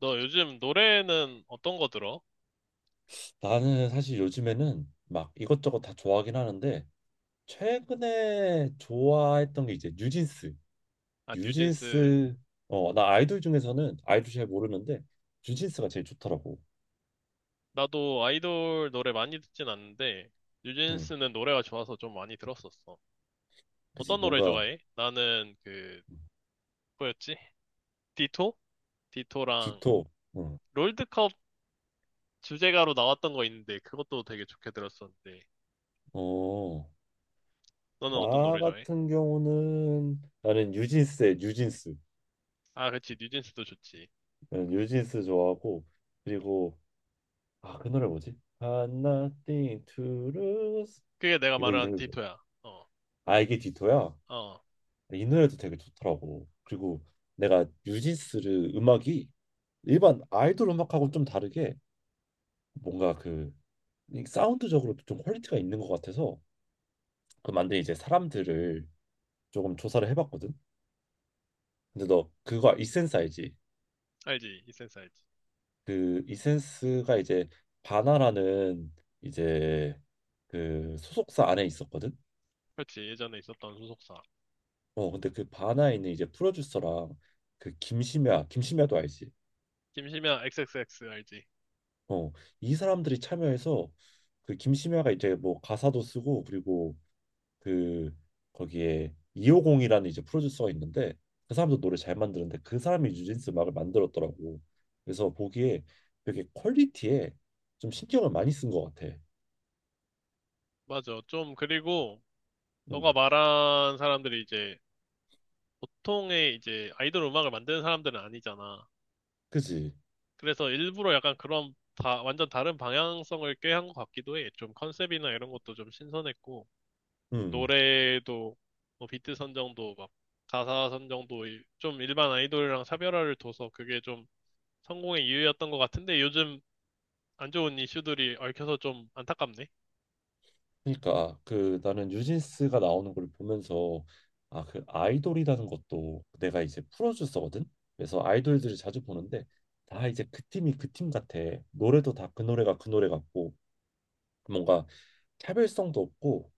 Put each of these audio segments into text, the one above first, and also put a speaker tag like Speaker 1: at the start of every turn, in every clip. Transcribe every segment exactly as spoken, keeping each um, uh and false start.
Speaker 1: 너 요즘 노래는 어떤 거 들어?
Speaker 2: 나는 사실 요즘에는 막 이것저것 다 좋아하긴 하는데 최근에 좋아했던 게 이제 뉴진스.
Speaker 1: 아, 뉴진스.
Speaker 2: 뉴진스. 어 나 아이돌 중에서는 아이돌 잘 모르는데 뉴진스가 제일 좋더라고.
Speaker 1: 나도 아이돌 노래 많이 듣진 않는데,
Speaker 2: 응.
Speaker 1: 뉴진스는 노래가 좋아서 좀 많이 들었었어.
Speaker 2: 그지,
Speaker 1: 어떤 노래
Speaker 2: 뭔가.
Speaker 1: 좋아해? 나는 그, 뭐였지? 디토? 디토랑
Speaker 2: 디톡. 응.
Speaker 1: 롤드컵 주제가로 나왔던 거 있는데, 그것도 되게 좋게 들었었는데,
Speaker 2: 어나
Speaker 1: 너는 어떤 노래 좋아해?
Speaker 2: 같은 경우는 나는 뉴진스의 뉴진스.
Speaker 1: 아, 그치. 뉴진스도 좋지.
Speaker 2: 나는 뉴진스 좋아하고 그리고 아 그 노래 뭐지? Got nothing to lose.
Speaker 1: 그게 내가
Speaker 2: 이거
Speaker 1: 말한
Speaker 2: 이름이 뭐-.
Speaker 1: 디토야. 어,
Speaker 2: 아 이게 디토야?
Speaker 1: 어.
Speaker 2: 이 노래도 되게 좋더라고. 그리고 내가 뉴진스를, 음악이 일반 아이돌 음악하고 좀 다르게 뭔가 그이 사운드적으로도 좀 퀄리티가 있는 것 같아서 그 만든 이제 사람들을 조금 조사를 해봤거든. 근데 너 그거 이센스 알지?
Speaker 1: 알지. 이센스 알지.
Speaker 2: 그 이센스가 이제 바나라는 이제 그 소속사 안에 있었거든.
Speaker 1: 그렇지. 예전에 있었던 소속사.
Speaker 2: 어 근데 그 바나에 있는 이제 프로듀서랑 그 김심야, 김심야도 알지?
Speaker 1: 김시면 XXX 알지.
Speaker 2: 어, 이 사람들이 참여해서 그 김심야가 이제 뭐 가사도 쓰고 그리고 그 거기에 이오공이라는 이제 프로듀서가 있는데 그 사람도 노래 잘 만드는데 그 사람이 뉴진스 음악을 만들었더라고. 그래서 보기에 되게 퀄리티에 좀 신경을 많이 쓴 것 같아.
Speaker 1: 맞아. 좀, 그리고, 너가
Speaker 2: 음.
Speaker 1: 말한 사람들이 이제 보통의 이제 아이돌 음악을 만드는 사람들은 아니잖아.
Speaker 2: 그지?
Speaker 1: 그래서 일부러 약간 그런 다 완전 다른 방향성을 꾀한 것 같기도 해. 좀 컨셉이나 이런 것도 좀 신선했고
Speaker 2: 음.
Speaker 1: 노래도 뭐 비트 선정도 막 가사 선정도 이- 좀 일반 아이돌이랑 차별화를 둬서 그게 좀 성공의 이유였던 것 같은데 요즘 안 좋은 이슈들이 얽혀서 좀 안타깝네.
Speaker 2: 그러니까 그 나는 뉴진스가 나오는 걸 보면서 아 그 아이돌이라는 것도, 내가 이제 프로듀서거든. 그래서 아이돌들을 자주 보는데 다 이제 그 팀이 그 팀 같아. 노래도 다 그 노래가 그 노래 같고 뭔가 차별성도 없고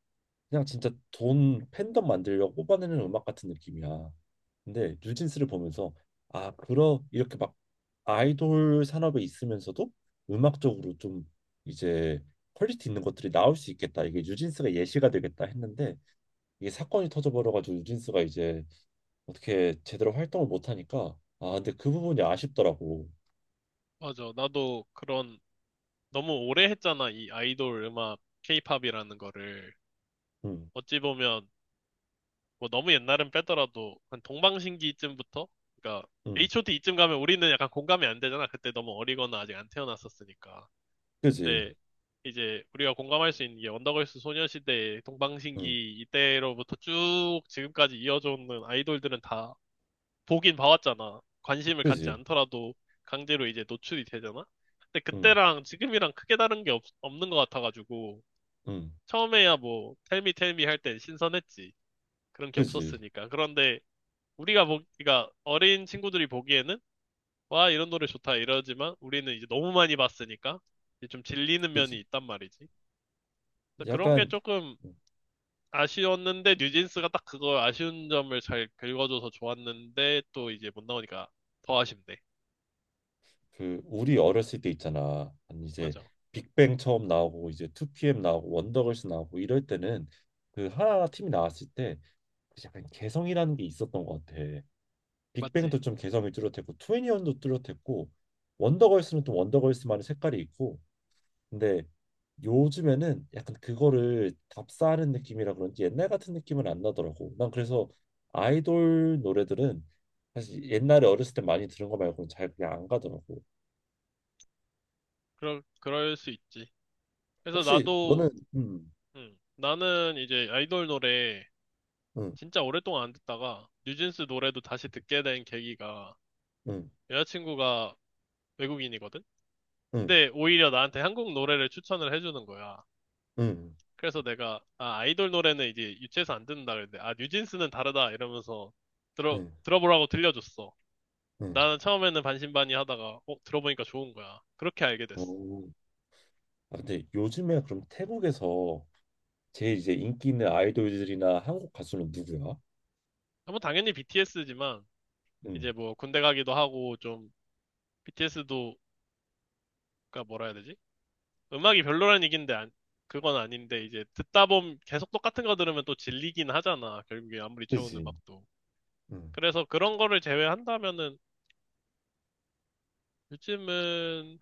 Speaker 2: 그냥 진짜 돈 팬덤 만들려고 뽑아내는 음악 같은 느낌이야. 근데 뉴진스를 보면서 아, 그러 이렇게 막 아이돌 산업에 있으면서도 음악적으로 좀 이제 퀄리티 있는 것들이 나올 수 있겠다, 이게 뉴진스가 예시가 되겠다 했는데 이게 사건이 터져버려가지고 뉴진스가 이제 어떻게 제대로 활동을 못 하니까 아, 근데 그 부분이 아쉽더라고.
Speaker 1: 맞아. 나도 그런 너무 오래 했잖아. 이 아이돌 음악 케이팝이라는 거를.
Speaker 2: 응.
Speaker 1: 어찌 보면 뭐 너무 옛날은 빼더라도 한 동방신기쯤부터 그러니까
Speaker 2: 응.
Speaker 1: 에이치오티이쯤 가면 우리는 약간 공감이 안 되잖아. 그때 너무 어리거나 아직 안 태어났었으니까.
Speaker 2: 그지.
Speaker 1: 근데 이제 우리가 공감할 수 있는 게 언더걸스 소녀시대,
Speaker 2: 응.
Speaker 1: 동방신기 이때로부터 쭉 지금까지 이어져 오는 아이돌들은 다 보긴 봐왔잖아. 관심을 갖지
Speaker 2: 그지.
Speaker 1: 않더라도 강제로 이제 노출이 되잖아. 근데
Speaker 2: 응.
Speaker 1: 그때랑 지금이랑 크게 다른 게 없, 없는 것 같아가지고
Speaker 2: 응.
Speaker 1: 처음에야 뭐 텔미 텔미 할 땐 신선했지. 그런 게
Speaker 2: 그지.
Speaker 1: 없었으니까. 그런데 우리가 보, 그러니까 어린 친구들이 보기에는 와, 이런 노래 좋다 이러지만 우리는 이제 너무 많이 봤으니까 이제 좀 질리는
Speaker 2: 그지.
Speaker 1: 면이 있단 말이지. 그래서 그런 게
Speaker 2: 약간
Speaker 1: 조금 아쉬웠는데 뉴진스가 딱 그걸 아쉬운 점을 잘 긁어줘서 좋았는데 또 이제 못 나오니까 더 아쉽네.
Speaker 2: 그 우리 어렸을 때 있잖아. 아니 이제
Speaker 1: 맞아.
Speaker 2: 빅뱅 처음 나오고 이제 투피엠 나오고 원더걸스 나오고 이럴 때는 그 하나 팀이 나왔을 때그 약간 개성이라는 게 있었던 것 같아.
Speaker 1: 맞지.
Speaker 2: 빅뱅도 좀 개성이 뚜렷했고 2애니1도 뚜렷했고 원더걸스는 또 원더걸스만의 색깔이 있고 근데 요즘에는 약간 그거를 답사하는 느낌이라 그런지 옛날 같은 느낌은 안 나더라고. 난 그래서 아이돌 노래들은 사실 옛날에 어렸을 때 많이 들은 거 말고는 잘 그냥 안 가더라고.
Speaker 1: 그럴, 그럴 수 있지. 그래서
Speaker 2: 혹시
Speaker 1: 나도,
Speaker 2: 너는 음.
Speaker 1: 음, 나는 이제 아이돌 노래
Speaker 2: 음.
Speaker 1: 진짜 오랫동안 안 듣다가 뉴진스 노래도 다시 듣게 된 계기가
Speaker 2: 음.
Speaker 1: 여자친구가 외국인이거든?
Speaker 2: 음.
Speaker 1: 근데 오히려 나한테 한국 노래를 추천을 해주는 거야.
Speaker 2: 음.
Speaker 1: 그래서 내가, 아, 아이돌 노래는 이제 유치해서 안 듣는다 그랬는데, 아, 뉴진스는 다르다 이러면서 들어,
Speaker 2: 음.
Speaker 1: 들어보라고 들려줬어.
Speaker 2: 음.
Speaker 1: 나는 처음에는 반신반의 하다가, 어, 들어보니까 좋은 거야. 그렇게 알게 됐어.
Speaker 2: 어. 아, 근데 요즘에 그럼 태국에서 제일 이제 인기 있는 아이돌들이나 한국 가수는 누구야?
Speaker 1: 아, 뭐 당연히 비티에스지만, 이제
Speaker 2: 음.
Speaker 1: 뭐 군대 가기도 하고 좀, 비티에스도, 가 뭐라 해야 되지? 음악이 별로란 얘긴데, 안- 그건 아닌데, 이제 듣다 보면 계속 똑같은 거 들으면 또 질리긴 하잖아. 결국에 아무리 좋은
Speaker 2: 그지.
Speaker 1: 음악도.
Speaker 2: 음.
Speaker 1: 그래서 그런 거를 제외한다면은 요즘은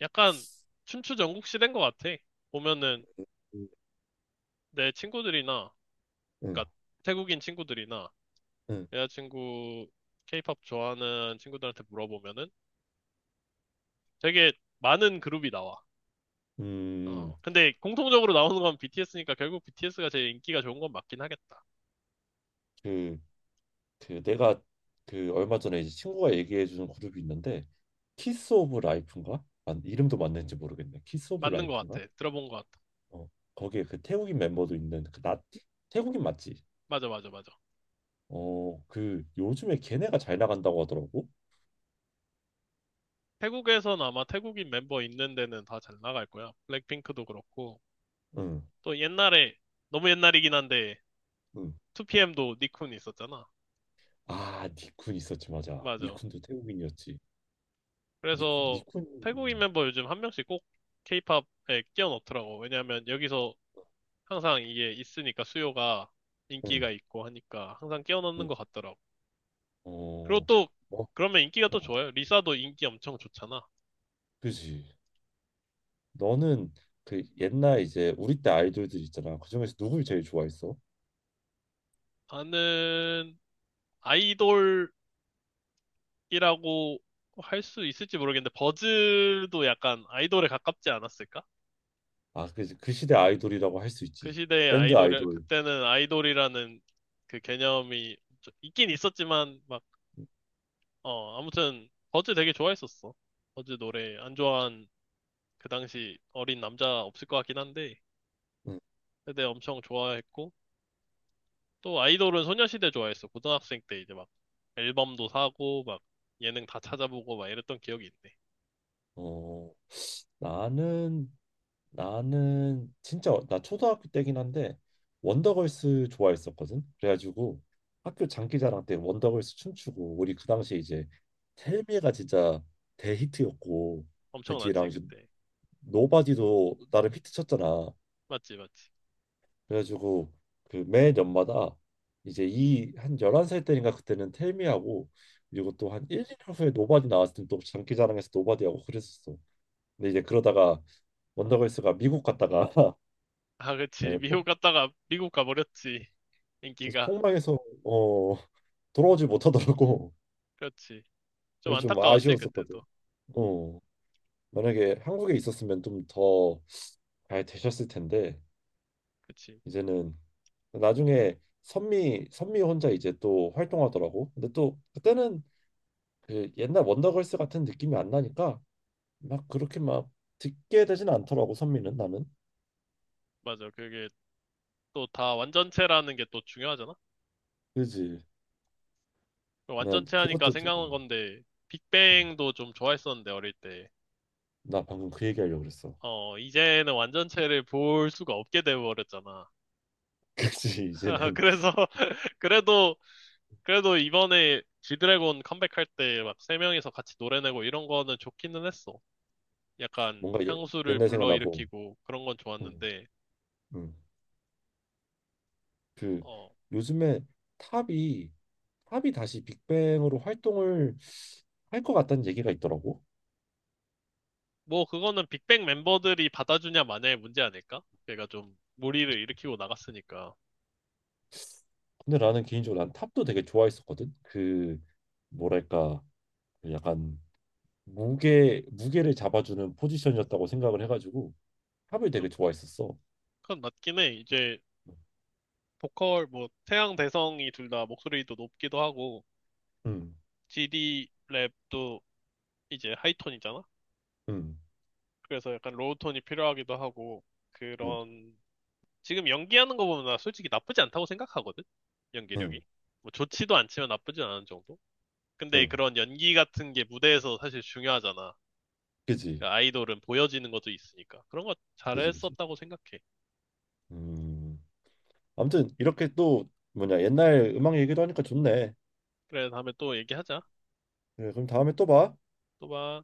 Speaker 1: 약간 춘추 전국 시대인 것 같아. 보면은
Speaker 2: 음.
Speaker 1: 내 친구들이나, 그러니까 태국인 친구들이나
Speaker 2: 음.
Speaker 1: 여자친구 케이팝 좋아하는 친구들한테 물어보면은 되게 많은 그룹이 나와. 어,
Speaker 2: 음.
Speaker 1: 근데 공통적으로 나오는 건 비티에스니까 결국 비티에스가 제일 인기가 좋은 건 맞긴 하겠다.
Speaker 2: 그, 그 내가 그 얼마 전에 이제 친구가 얘기해 주는 그룹이 있는데 키스 오브 라이프인가? 아, 이름도 맞는지 모르겠네. 키스 오브
Speaker 1: 맞는 것
Speaker 2: 라이프인가?
Speaker 1: 같아. 들어본 것 같아.
Speaker 2: 어, 거기에 그 태국인 멤버도 있는 그 나티? 태국인 맞지?
Speaker 1: 맞아, 맞아, 맞아.
Speaker 2: 어, 그 요즘에 걔네가 잘 나간다고 하더라고.
Speaker 1: 태국에선 아마 태국인 멤버 있는 데는 다 잘 나갈 거야. 블랙핑크도 그렇고.
Speaker 2: 응.
Speaker 1: 또 옛날에, 너무 옛날이긴 한데,
Speaker 2: 응.
Speaker 1: 투피엠도 니쿤이 있었잖아.
Speaker 2: 아, 니쿤 있었지, 맞아.
Speaker 1: 맞아.
Speaker 2: 니쿤도 태국인이었지. 니
Speaker 1: 그래서
Speaker 2: 니쿤,
Speaker 1: 태국인
Speaker 2: 음.
Speaker 1: 멤버 요즘 한 명씩 꼭 케이팝에 끼워 넣더라고. 왜냐하면 여기서 항상 이게 있으니까 수요가
Speaker 2: 응.
Speaker 1: 인기가 있고 하니까 항상 끼워 넣는
Speaker 2: 응.
Speaker 1: 것 같더라고. 그리고
Speaker 2: 어.
Speaker 1: 또
Speaker 2: 어.
Speaker 1: 그러면 인기가 또
Speaker 2: 어.
Speaker 1: 좋아요. 리사도 인기 엄청 좋잖아.
Speaker 2: 그지. 너는 그 옛날 이제 우리 때 아이돌들 있잖아. 그 중에서 누굴 제일 좋아했어?
Speaker 1: 나는 아이돌이라고 할 수 있을지 모르겠는데 버즈도 약간 아이돌에 가깝지 않았을까?
Speaker 2: 아, 그지. 그 시대 아이돌이라고 할 수
Speaker 1: 그
Speaker 2: 있지.
Speaker 1: 시대의
Speaker 2: 밴드
Speaker 1: 아이돌이
Speaker 2: 아이돌.
Speaker 1: 그때는 아이돌이라는 그 개념이 있긴 있었지만 막
Speaker 2: 응.
Speaker 1: 어, 아무튼 버즈 되게 좋아했었어. 버즈 노래 안 좋아한 그 당시 어린 남자 없을 것 같긴 한데
Speaker 2: 응.
Speaker 1: 그때 엄청 좋아했고 또 아이돌은 소녀시대 좋아했어. 고등학생 때 이제 막 앨범도 사고 막 예능 다 찾아보고 막 이랬던 기억이 있네.
Speaker 2: 어, 나는 나는 진짜 나 초등학교 때긴 한데 원더걸스 좋아했었거든. 그래가지고 학교 장기자랑 때 원더걸스 춤추고, 우리 그 당시에 이제 텔미가 진짜 대히트였고 그 뒤랑
Speaker 1: 엄청났지
Speaker 2: 이제
Speaker 1: 그때.
Speaker 2: 노바디도 나름 히트 쳤잖아.
Speaker 1: 맞지 맞지.
Speaker 2: 그래가지고 그 매 년마다 이제 이 한 열한 살 때인가 그때는 텔미하고 그리고 또 한 일, 이 년 후에 노바디 나왔을 때 또 장기자랑에서 노바디하고 그랬었어. 근데 이제 그러다가 원더걸스가 미국 갔다가
Speaker 1: 아 그치
Speaker 2: 예,
Speaker 1: 미국 갔다가 미국 가버렸지.
Speaker 2: 그래서
Speaker 1: 인기가.
Speaker 2: 폭망해서 어 돌아오지 못하더라고.
Speaker 1: 그렇지. 좀
Speaker 2: 그래서 좀
Speaker 1: 안타까웠지
Speaker 2: 아쉬웠었거든.
Speaker 1: 그때도.
Speaker 2: 어 만약에 한국에 있었으면 좀 더 잘 되셨을 텐데.
Speaker 1: 그치.
Speaker 2: 이제는 나중에 선미 선미 혼자 이제 또 활동하더라고. 근데 또 그때는 그 옛날 원더걸스 같은 느낌이 안 나니까 막 그렇게 막 듣게 되진 않더라고, 선미는, 나는.
Speaker 1: 맞아. 그게 또 다 완전체라는 게 또 중요하잖아.
Speaker 2: 그지? 난
Speaker 1: 완전체 하니까
Speaker 2: 그것도 좀-.
Speaker 1: 생각난 건데,
Speaker 2: 어,
Speaker 1: 빅뱅도 좀 좋아했었는데, 어릴 때.
Speaker 2: 나 방금 그 얘기하려고 그랬어.
Speaker 1: 어, 이제는 완전체를 볼 수가 없게 돼버렸잖아.
Speaker 2: 그지? 이제는
Speaker 1: 그래서, 그래도, 그래도 이번에 지드래곤 컴백할 때 막 세 명이서 같이 노래 내고 이런 거는 좋기는 했어. 약간
Speaker 2: 뭔가 예,
Speaker 1: 향수를
Speaker 2: 옛날 생각나고.
Speaker 1: 불러일으키고 그런 건
Speaker 2: 응.
Speaker 1: 좋았는데,
Speaker 2: 응. 그
Speaker 1: 어,
Speaker 2: 요즘에 탑이 탑이 다시 빅뱅으로 활동을 할 것 같다는 얘기가 있더라고.
Speaker 1: 뭐 그거는 빅뱅 멤버들이 받아주냐 마냐의 문제 아닐까? 걔가 좀 무리를 일으키고 나갔으니까.
Speaker 2: 근데 나는 개인적으로 난 탑도 되게 좋아했었거든. 그 뭐랄까, 그 약간 무게 무게를 잡아주는 포지션이었다고 생각을 해가지고 탑을 되게 좋아했었어.
Speaker 1: 그건 맞긴 해. 이제 보컬 뭐 태양 대성이 둘 다 목소리도 높기도 하고
Speaker 2: 응.
Speaker 1: 지디 랩도 이제 하이톤이잖아.
Speaker 2: 응.
Speaker 1: 그래서 약간 로우톤이 필요하기도 하고
Speaker 2: 응. 응
Speaker 1: 그런 지금 연기하는 거 보면 나 솔직히 나쁘지 않다고 생각하거든.
Speaker 2: 응
Speaker 1: 연기력이. 뭐 좋지도 않지만 나쁘지 않은 정도. 근데
Speaker 2: 응.
Speaker 1: 그런 연기 같은 게 무대에서 사실 중요하잖아.
Speaker 2: 그지.
Speaker 1: 그러니까 아이돌은 보여지는 것도 있으니까. 그런 거
Speaker 2: 그지. 그지.
Speaker 1: 잘했었다고 생각해.
Speaker 2: 음. 아무튼 이렇게 또 뭐냐 옛날 음악 얘기도 하니까 좋네.
Speaker 1: 그래, 다음에 또 얘기하자.
Speaker 2: 그래, 그럼 다음에 또 봐.
Speaker 1: 또 봐.